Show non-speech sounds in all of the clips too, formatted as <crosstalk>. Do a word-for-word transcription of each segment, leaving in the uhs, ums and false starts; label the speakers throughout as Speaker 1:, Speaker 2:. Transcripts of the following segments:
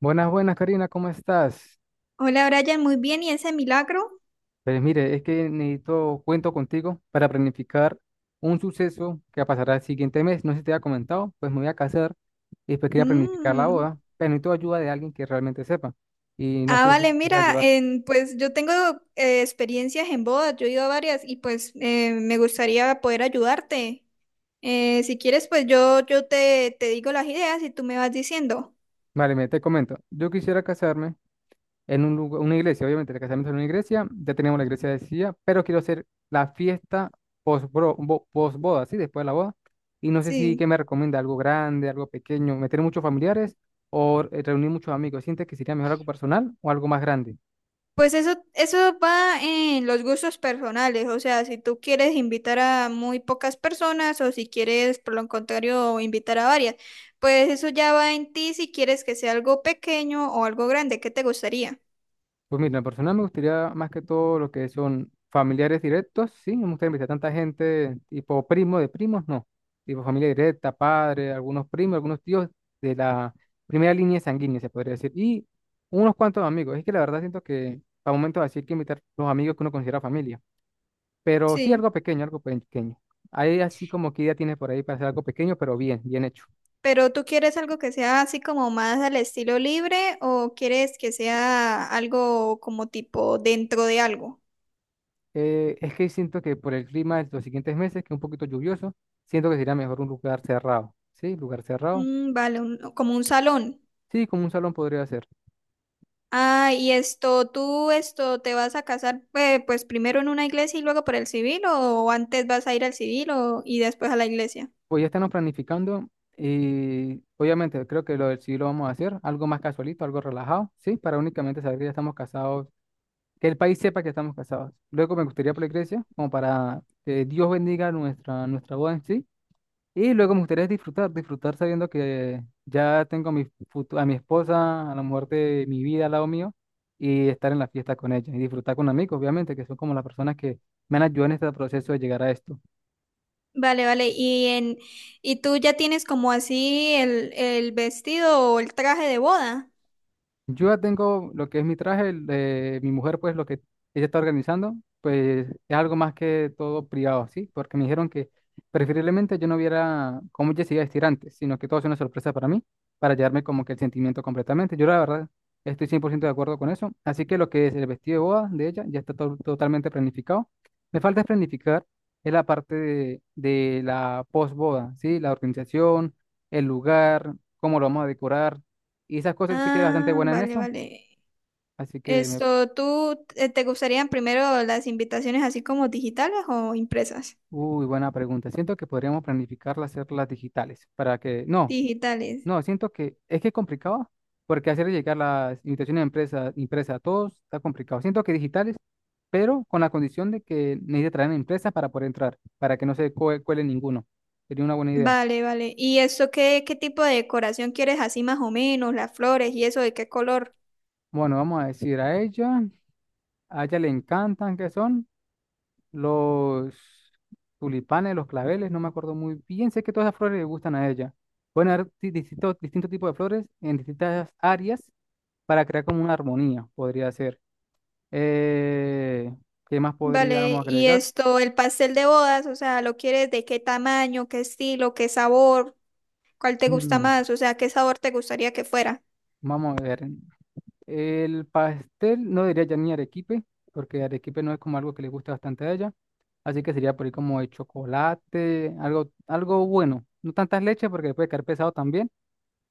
Speaker 1: Buenas, buenas, Karina, ¿cómo estás?
Speaker 2: Hola Brian, muy bien, ¿y ese milagro?
Speaker 1: Pues mire, es que necesito cuento contigo para planificar un suceso que pasará el siguiente mes. No sé si te había comentado, pues me voy a casar y después quería planificar la
Speaker 2: Mm.
Speaker 1: boda, pero necesito ayuda de alguien que realmente sepa. Y no
Speaker 2: Ah,
Speaker 1: sé si me
Speaker 2: vale,
Speaker 1: podría
Speaker 2: mira,
Speaker 1: ayudar.
Speaker 2: en- pues yo tengo eh, experiencias en bodas, yo he ido a varias y pues eh, me gustaría poder ayudarte. Eh, si quieres, pues yo, yo te, te digo las ideas y tú me vas diciendo.
Speaker 1: Vale, me te comento. Yo quisiera casarme en un lugar- una iglesia, obviamente, el casamiento en una iglesia, ya tenemos la iglesia decidida, pero quiero hacer la fiesta post, boda, ¿sí? Después de la boda. Y no sé si qué
Speaker 2: Sí.
Speaker 1: me recomienda, algo grande, algo pequeño, meter muchos familiares o eh, reunir muchos amigos. ¿Sientes que sería mejor algo personal o algo más grande?
Speaker 2: Pues eso, eso va en los gustos personales, o sea, si tú quieres invitar a muy pocas personas o si quieres, por lo contrario, invitar a varias, pues eso ya va en ti si quieres que sea algo pequeño o algo grande, ¿qué te gustaría?
Speaker 1: Pues mira, en persona me gustaría más que todo lo que son familiares directos, sí, no me gustaría invitar tanta gente, tipo primo de primos, no, tipo familia directa, padre, algunos primos, algunos tíos de la primera línea sanguínea, se podría decir, y unos cuantos amigos. Es que la verdad siento que para momentos así hay que invitar los amigos que uno considera familia, pero sí
Speaker 2: Sí,
Speaker 1: algo pequeño, algo pequeño. Ahí así como que idea tienes por ahí para hacer algo pequeño, pero bien, bien hecho.
Speaker 2: pero ¿tú quieres algo que sea así como más al estilo libre o quieres que sea algo como tipo dentro de algo?
Speaker 1: Eh, es que siento que por el clima de los siguientes meses, que es un poquito lluvioso, siento que sería mejor un lugar cerrado. ¿Sí? Lugar cerrado.
Speaker 2: Mm, vale, un- como un salón.
Speaker 1: Sí, como un salón podría ser.
Speaker 2: Ah, y esto, ¿tú esto te vas a casar eh, pues primero en una iglesia y luego por el civil o antes vas a ir al civil o, y después a la iglesia?
Speaker 1: Pues ya estamos planificando y obviamente creo que lo del sí lo vamos a hacer, algo más casualito, algo relajado, ¿sí? Para únicamente saber que ya estamos casados, que el país sepa que estamos casados. Luego me gustaría por la iglesia, como para que Dios bendiga nuestra, nuestra boda en sí. Y luego me gustaría disfrutar, disfrutar sabiendo que ya tengo a mi, futu- a mi esposa, a la mujer de mi vida al lado mío, y estar en la fiesta con ella, y disfrutar con amigos, obviamente, que son como las personas que me han ayudado en este proceso de llegar a esto.
Speaker 2: Vale, vale. ¿Y en y tú ya tienes como así el, el vestido o el traje de boda?
Speaker 1: Yo ya tengo lo que es mi traje, el de mi mujer, pues lo que ella está organizando, pues es algo más que todo privado, ¿sí? Porque me dijeron que preferiblemente yo no viera cómo ella se iba a vestir antes, sino que todo sea una sorpresa para mí, para llevarme como que el sentimiento completamente. Yo la verdad estoy cien por ciento de acuerdo con eso, así que lo que es el vestido de boda de ella ya está to- totalmente planificado. Me falta es planificar es la parte de, de la posboda, ¿sí? La organización, el lugar, cómo lo vamos a decorar y esas cosas yo sí que es bastante
Speaker 2: Ah,
Speaker 1: buena en
Speaker 2: vale,
Speaker 1: eso.
Speaker 2: vale.
Speaker 1: Así que, me...
Speaker 2: Esto, ¿tú eh, te gustarían primero las invitaciones así como digitales o impresas?
Speaker 1: Uy, buena pregunta. Siento que podríamos planificarlas, hacerlas digitales para que, no,
Speaker 2: Digitales.
Speaker 1: no, siento que es que es complicado porque hacer llegar las invitaciones a empresas, impresas a todos está complicado. Siento que digitales, pero con la condición de que necesite traer empresas para poder entrar, para que no se cue- cuele ninguno. Sería una buena idea.
Speaker 2: Vale, vale. ¿Y esto qué, qué tipo de decoración quieres así más o menos? Las flores y eso, ¿de qué color?
Speaker 1: Bueno, vamos a decir a ella, a ella le encantan qué son los tulipanes, los claveles, no me acuerdo muy bien. Sé que todas las flores le gustan a ella. Pueden haber di- distintos, distintos tipos de flores en distintas áreas para crear como una armonía, podría ser. Eh, ¿Qué más podríamos
Speaker 2: Vale, y
Speaker 1: agregar?
Speaker 2: esto, el pastel de bodas, o sea, ¿lo quieres de qué tamaño, qué estilo, qué sabor? ¿Cuál te gusta
Speaker 1: Mm,
Speaker 2: más? O sea, ¿qué sabor te gustaría que fuera?
Speaker 1: Vamos a ver. El pastel no diría ya ni arequipe, porque arequipe no es como algo que le gusta bastante a ella. Así que sería por ahí como de chocolate, algo, algo bueno. No tantas leches porque le puede caer pesado también.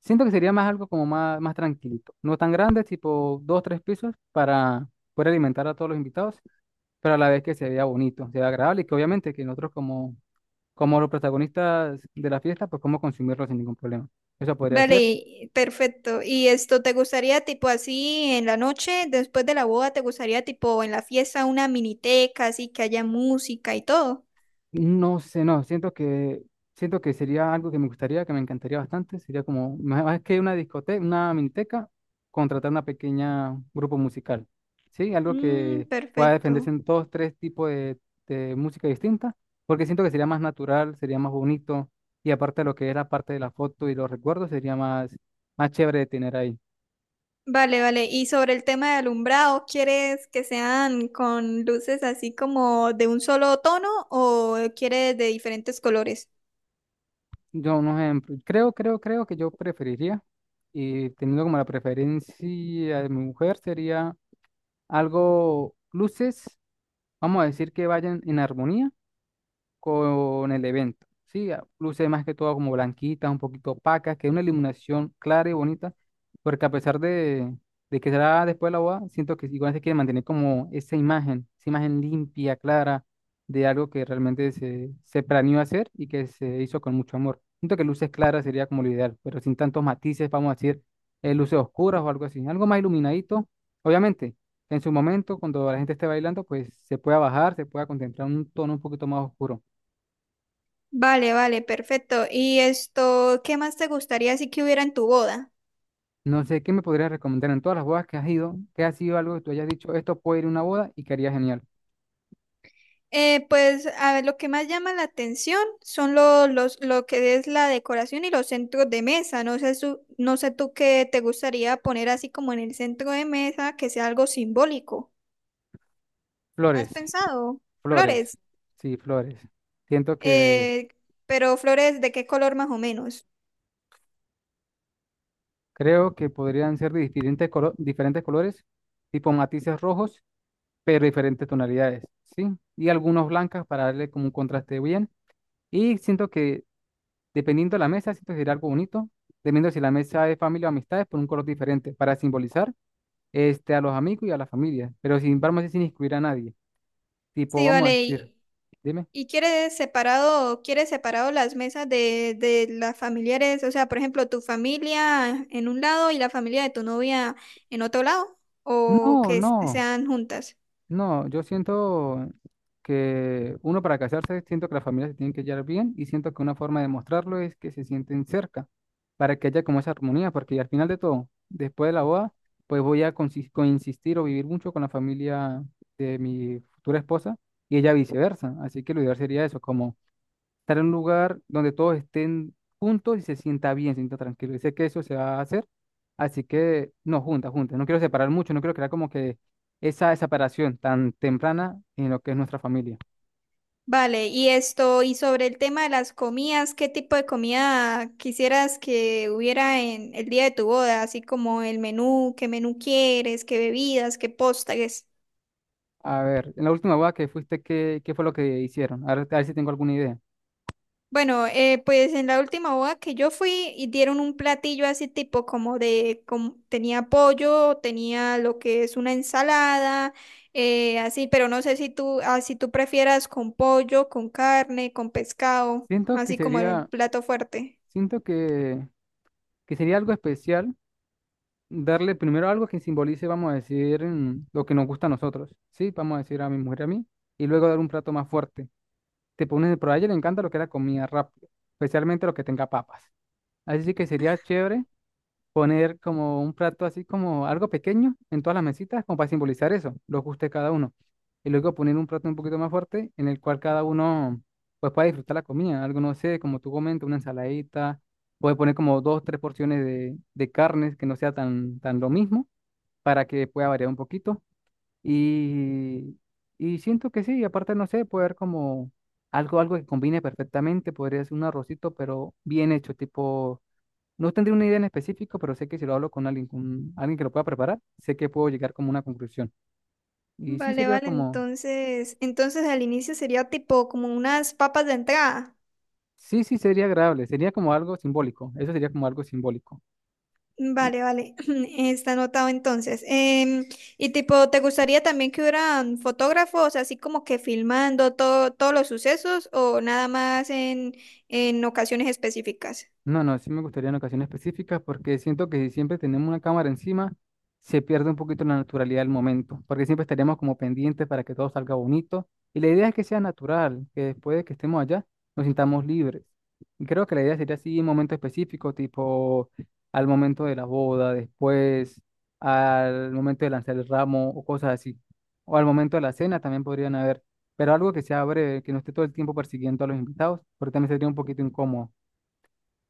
Speaker 1: Siento que sería más algo como más, más tranquilito. No tan grande, tipo dos, tres pisos para poder alimentar a todos los invitados, pero a la vez que se vea bonito, se vea agradable y que obviamente que nosotros como, como los protagonistas de la fiesta, pues cómo consumirlo sin ningún problema. Eso podría
Speaker 2: Vale,
Speaker 1: ser.
Speaker 2: y- perfecto. ¿Y esto te gustaría tipo así en la noche, después de la boda, te gustaría tipo en la fiesta una miniteca, así que haya música y todo?
Speaker 1: No sé, no, siento que, siento que sería algo que me gustaría, que me encantaría bastante. Sería como, más más que una discoteca, una miniteca, contratar una pequeña grupo musical. Sí, algo
Speaker 2: Mm,
Speaker 1: que pueda defenderse
Speaker 2: perfecto.
Speaker 1: en todos tres tipos de, de música distinta, porque siento que sería más natural, sería más bonito, y aparte de lo que es la parte de la foto y los recuerdos, sería más, más chévere de tener ahí.
Speaker 2: Vale, vale. Y sobre el tema de alumbrado, ¿quieres que sean con luces así como de un solo tono o quieres de diferentes colores?
Speaker 1: Yo, un ejemplo, creo, creo, creo que yo preferiría, y teniendo como la preferencia de mi mujer, sería algo luces, vamos a decir que vayan en armonía con el evento. Sí, a- luce más que todo como blanquitas, un poquito opacas, que es una iluminación clara y bonita, porque a pesar de, de que será después de la boda, siento que igual se quiere mantener como esa imagen, esa imagen limpia, clara, de algo que realmente se, se planeó hacer y que se hizo con mucho amor. Siento que luces claras sería como lo ideal, pero sin tantos matices, vamos a decir, eh, luces oscuras o algo así, algo más iluminadito, obviamente en su momento, cuando la gente esté bailando, pues se pueda bajar, se pueda contemplar un tono un poquito más oscuro.
Speaker 2: Vale, vale, perfecto. Y esto, ¿qué más te gustaría si que hubiera en tu boda?
Speaker 1: No sé, ¿qué me podrías recomendar en todas las bodas que has ido? ¿Qué ha sido algo que tú hayas dicho, esto puede ir a una boda y que haría genial?
Speaker 2: Eh, pues a ver, lo que más llama la atención son los los, lo que es la decoración y los centros de mesa. No sé, su- no sé tú qué te gustaría poner así como en el centro de mesa, que sea algo simbólico. ¿Has
Speaker 1: Flores,
Speaker 2: pensado?
Speaker 1: flores,
Speaker 2: Flores.
Speaker 1: sí, flores. Siento que
Speaker 2: Eh, pero flores de qué color más o menos.
Speaker 1: creo que podrían ser de diferentes, colo- diferentes colores, tipo matices rojos, pero diferentes tonalidades, ¿sí? Y algunos blancas para darle como un contraste bien. Y siento que dependiendo de la mesa, siento que sería algo bonito, dependiendo si la mesa es familia o amistades, por un color diferente, para simbolizar este, a los amigos y a la familia, pero sin embargo, sin excluir a nadie. Tipo,
Speaker 2: Sí,
Speaker 1: vamos a decir,
Speaker 2: vale.
Speaker 1: dime.
Speaker 2: ¿Y quiere separado, quiere separado las mesas de, de las familiares? O sea, por ejemplo, tu familia en un lado y la familia de tu novia en otro lado, o
Speaker 1: No,
Speaker 2: que s-
Speaker 1: no,
Speaker 2: sean juntas.
Speaker 1: no, yo siento que uno para casarse, siento que las familias se tienen que llevar bien y siento que una forma de mostrarlo es que se sienten cerca, para que haya como esa armonía, porque al final de todo, después de la boda, pues voy a consis- coinsistir o vivir mucho con la familia de mi futura esposa y ella viceversa. Así que lo ideal sería eso, como estar en un lugar donde todos estén juntos y se sienta bien, se sienta tranquilo. Y sé que eso se va a hacer, así que no, juntas, juntas. No quiero separar mucho, no quiero crear como que esa separación tan temprana en lo que es nuestra familia.
Speaker 2: Vale, y esto, y sobre el tema de las comidas, ¿qué tipo de comida quisieras que hubiera en el día de tu boda? Así como el menú, qué menú quieres, qué bebidas, qué postres.
Speaker 1: A ver, en la última boda que fuiste, ¿qué, ¿qué fue lo que hicieron? A ver, a ver si tengo alguna idea.
Speaker 2: Bueno, eh, pues en la última boda que yo fui y dieron un platillo así tipo como de, como- tenía pollo, tenía lo que es una ensalada, eh, así, pero no sé si tú, ah, si tú prefieras con pollo, con carne, con pescado,
Speaker 1: Siento que
Speaker 2: así como el
Speaker 1: sería,
Speaker 2: plato fuerte.
Speaker 1: siento que, que sería algo especial darle primero algo que simbolice, vamos a decir, mm, lo que nos gusta a nosotros, ¿sí? Vamos a decir a mi mujer y a mí, y luego dar un plato más fuerte te ponen, pero a ella le encanta lo que es la comida rápida, especialmente lo que tenga papas. Así sí que sería chévere poner como un plato así como algo pequeño en todas las mesitas, como para simbolizar eso, lo que guste cada uno. Y luego poner un plato un poquito más fuerte en el cual cada uno pues pueda disfrutar la comida, algo no sé, como tú comentas, una ensaladita, puede poner como dos, tres porciones de, de carnes que no sea tan, tan lo mismo para que pueda variar un poquito y, y siento que sí, y aparte no sé, puede haber como algo, algo que combine perfectamente, podría ser un arrocito, pero bien hecho, tipo, no tendría una idea en específico, pero sé que si lo hablo con alguien, con alguien que lo pueda preparar, sé que puedo llegar como a una conclusión. Y sí
Speaker 2: Vale,
Speaker 1: sería
Speaker 2: vale,
Speaker 1: como,
Speaker 2: entonces, entonces al inicio sería tipo como unas papas de entrada.
Speaker 1: sí, sí sería agradable, sería como algo simbólico, eso sería como algo simbólico.
Speaker 2: Vale, vale. <clears throat> Está anotado entonces. Em, y tipo, ¿te gustaría también que hubieran fotógrafos así como que filmando todo, todos los sucesos o nada más en, en ocasiones específicas?
Speaker 1: No, no, sí me gustaría en ocasiones específicas porque siento que si siempre tenemos una cámara encima, se pierde un poquito la naturalidad del momento, porque siempre estaríamos como pendientes para que todo salga bonito. Y la idea es que sea natural, que después de que estemos allá nos sintamos libres. Y creo que la idea sería así en momentos específicos, tipo al momento de la boda, después, al momento de lanzar el ramo o cosas así. O al momento de la cena también podrían haber, pero algo que sea breve, que no esté todo el tiempo persiguiendo a los invitados, porque también sería un poquito incómodo.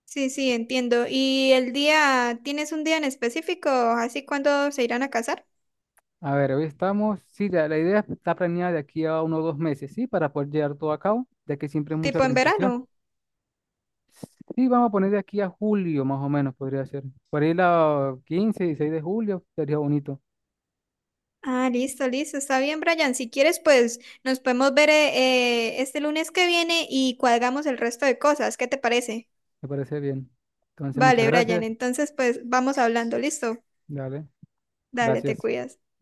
Speaker 2: Sí, sí, entiendo. ¿Y el día, tienes un día en específico, así cuando se irán a casar?
Speaker 1: A ver, hoy estamos, sí, la, la idea está planeada de aquí a uno o dos meses, ¿sí? Para poder llevar todo a cabo, ya que siempre es mucha
Speaker 2: Tipo en
Speaker 1: organización.
Speaker 2: verano.
Speaker 1: Sí, vamos a poner de aquí a julio, más o menos, podría ser. Por ahí la quince, dieciséis de julio, sería bonito,
Speaker 2: Ah, listo, listo, está bien, Brian. Si quieres, pues nos podemos ver eh, eh, este lunes que viene y cuadramos el resto de cosas. ¿Qué te parece?
Speaker 1: me parece bien. Entonces, muchas
Speaker 2: Vale, Brian,
Speaker 1: gracias.
Speaker 2: entonces pues vamos hablando, ¿listo?
Speaker 1: Dale,
Speaker 2: Dale, te
Speaker 1: gracias.
Speaker 2: cuidas.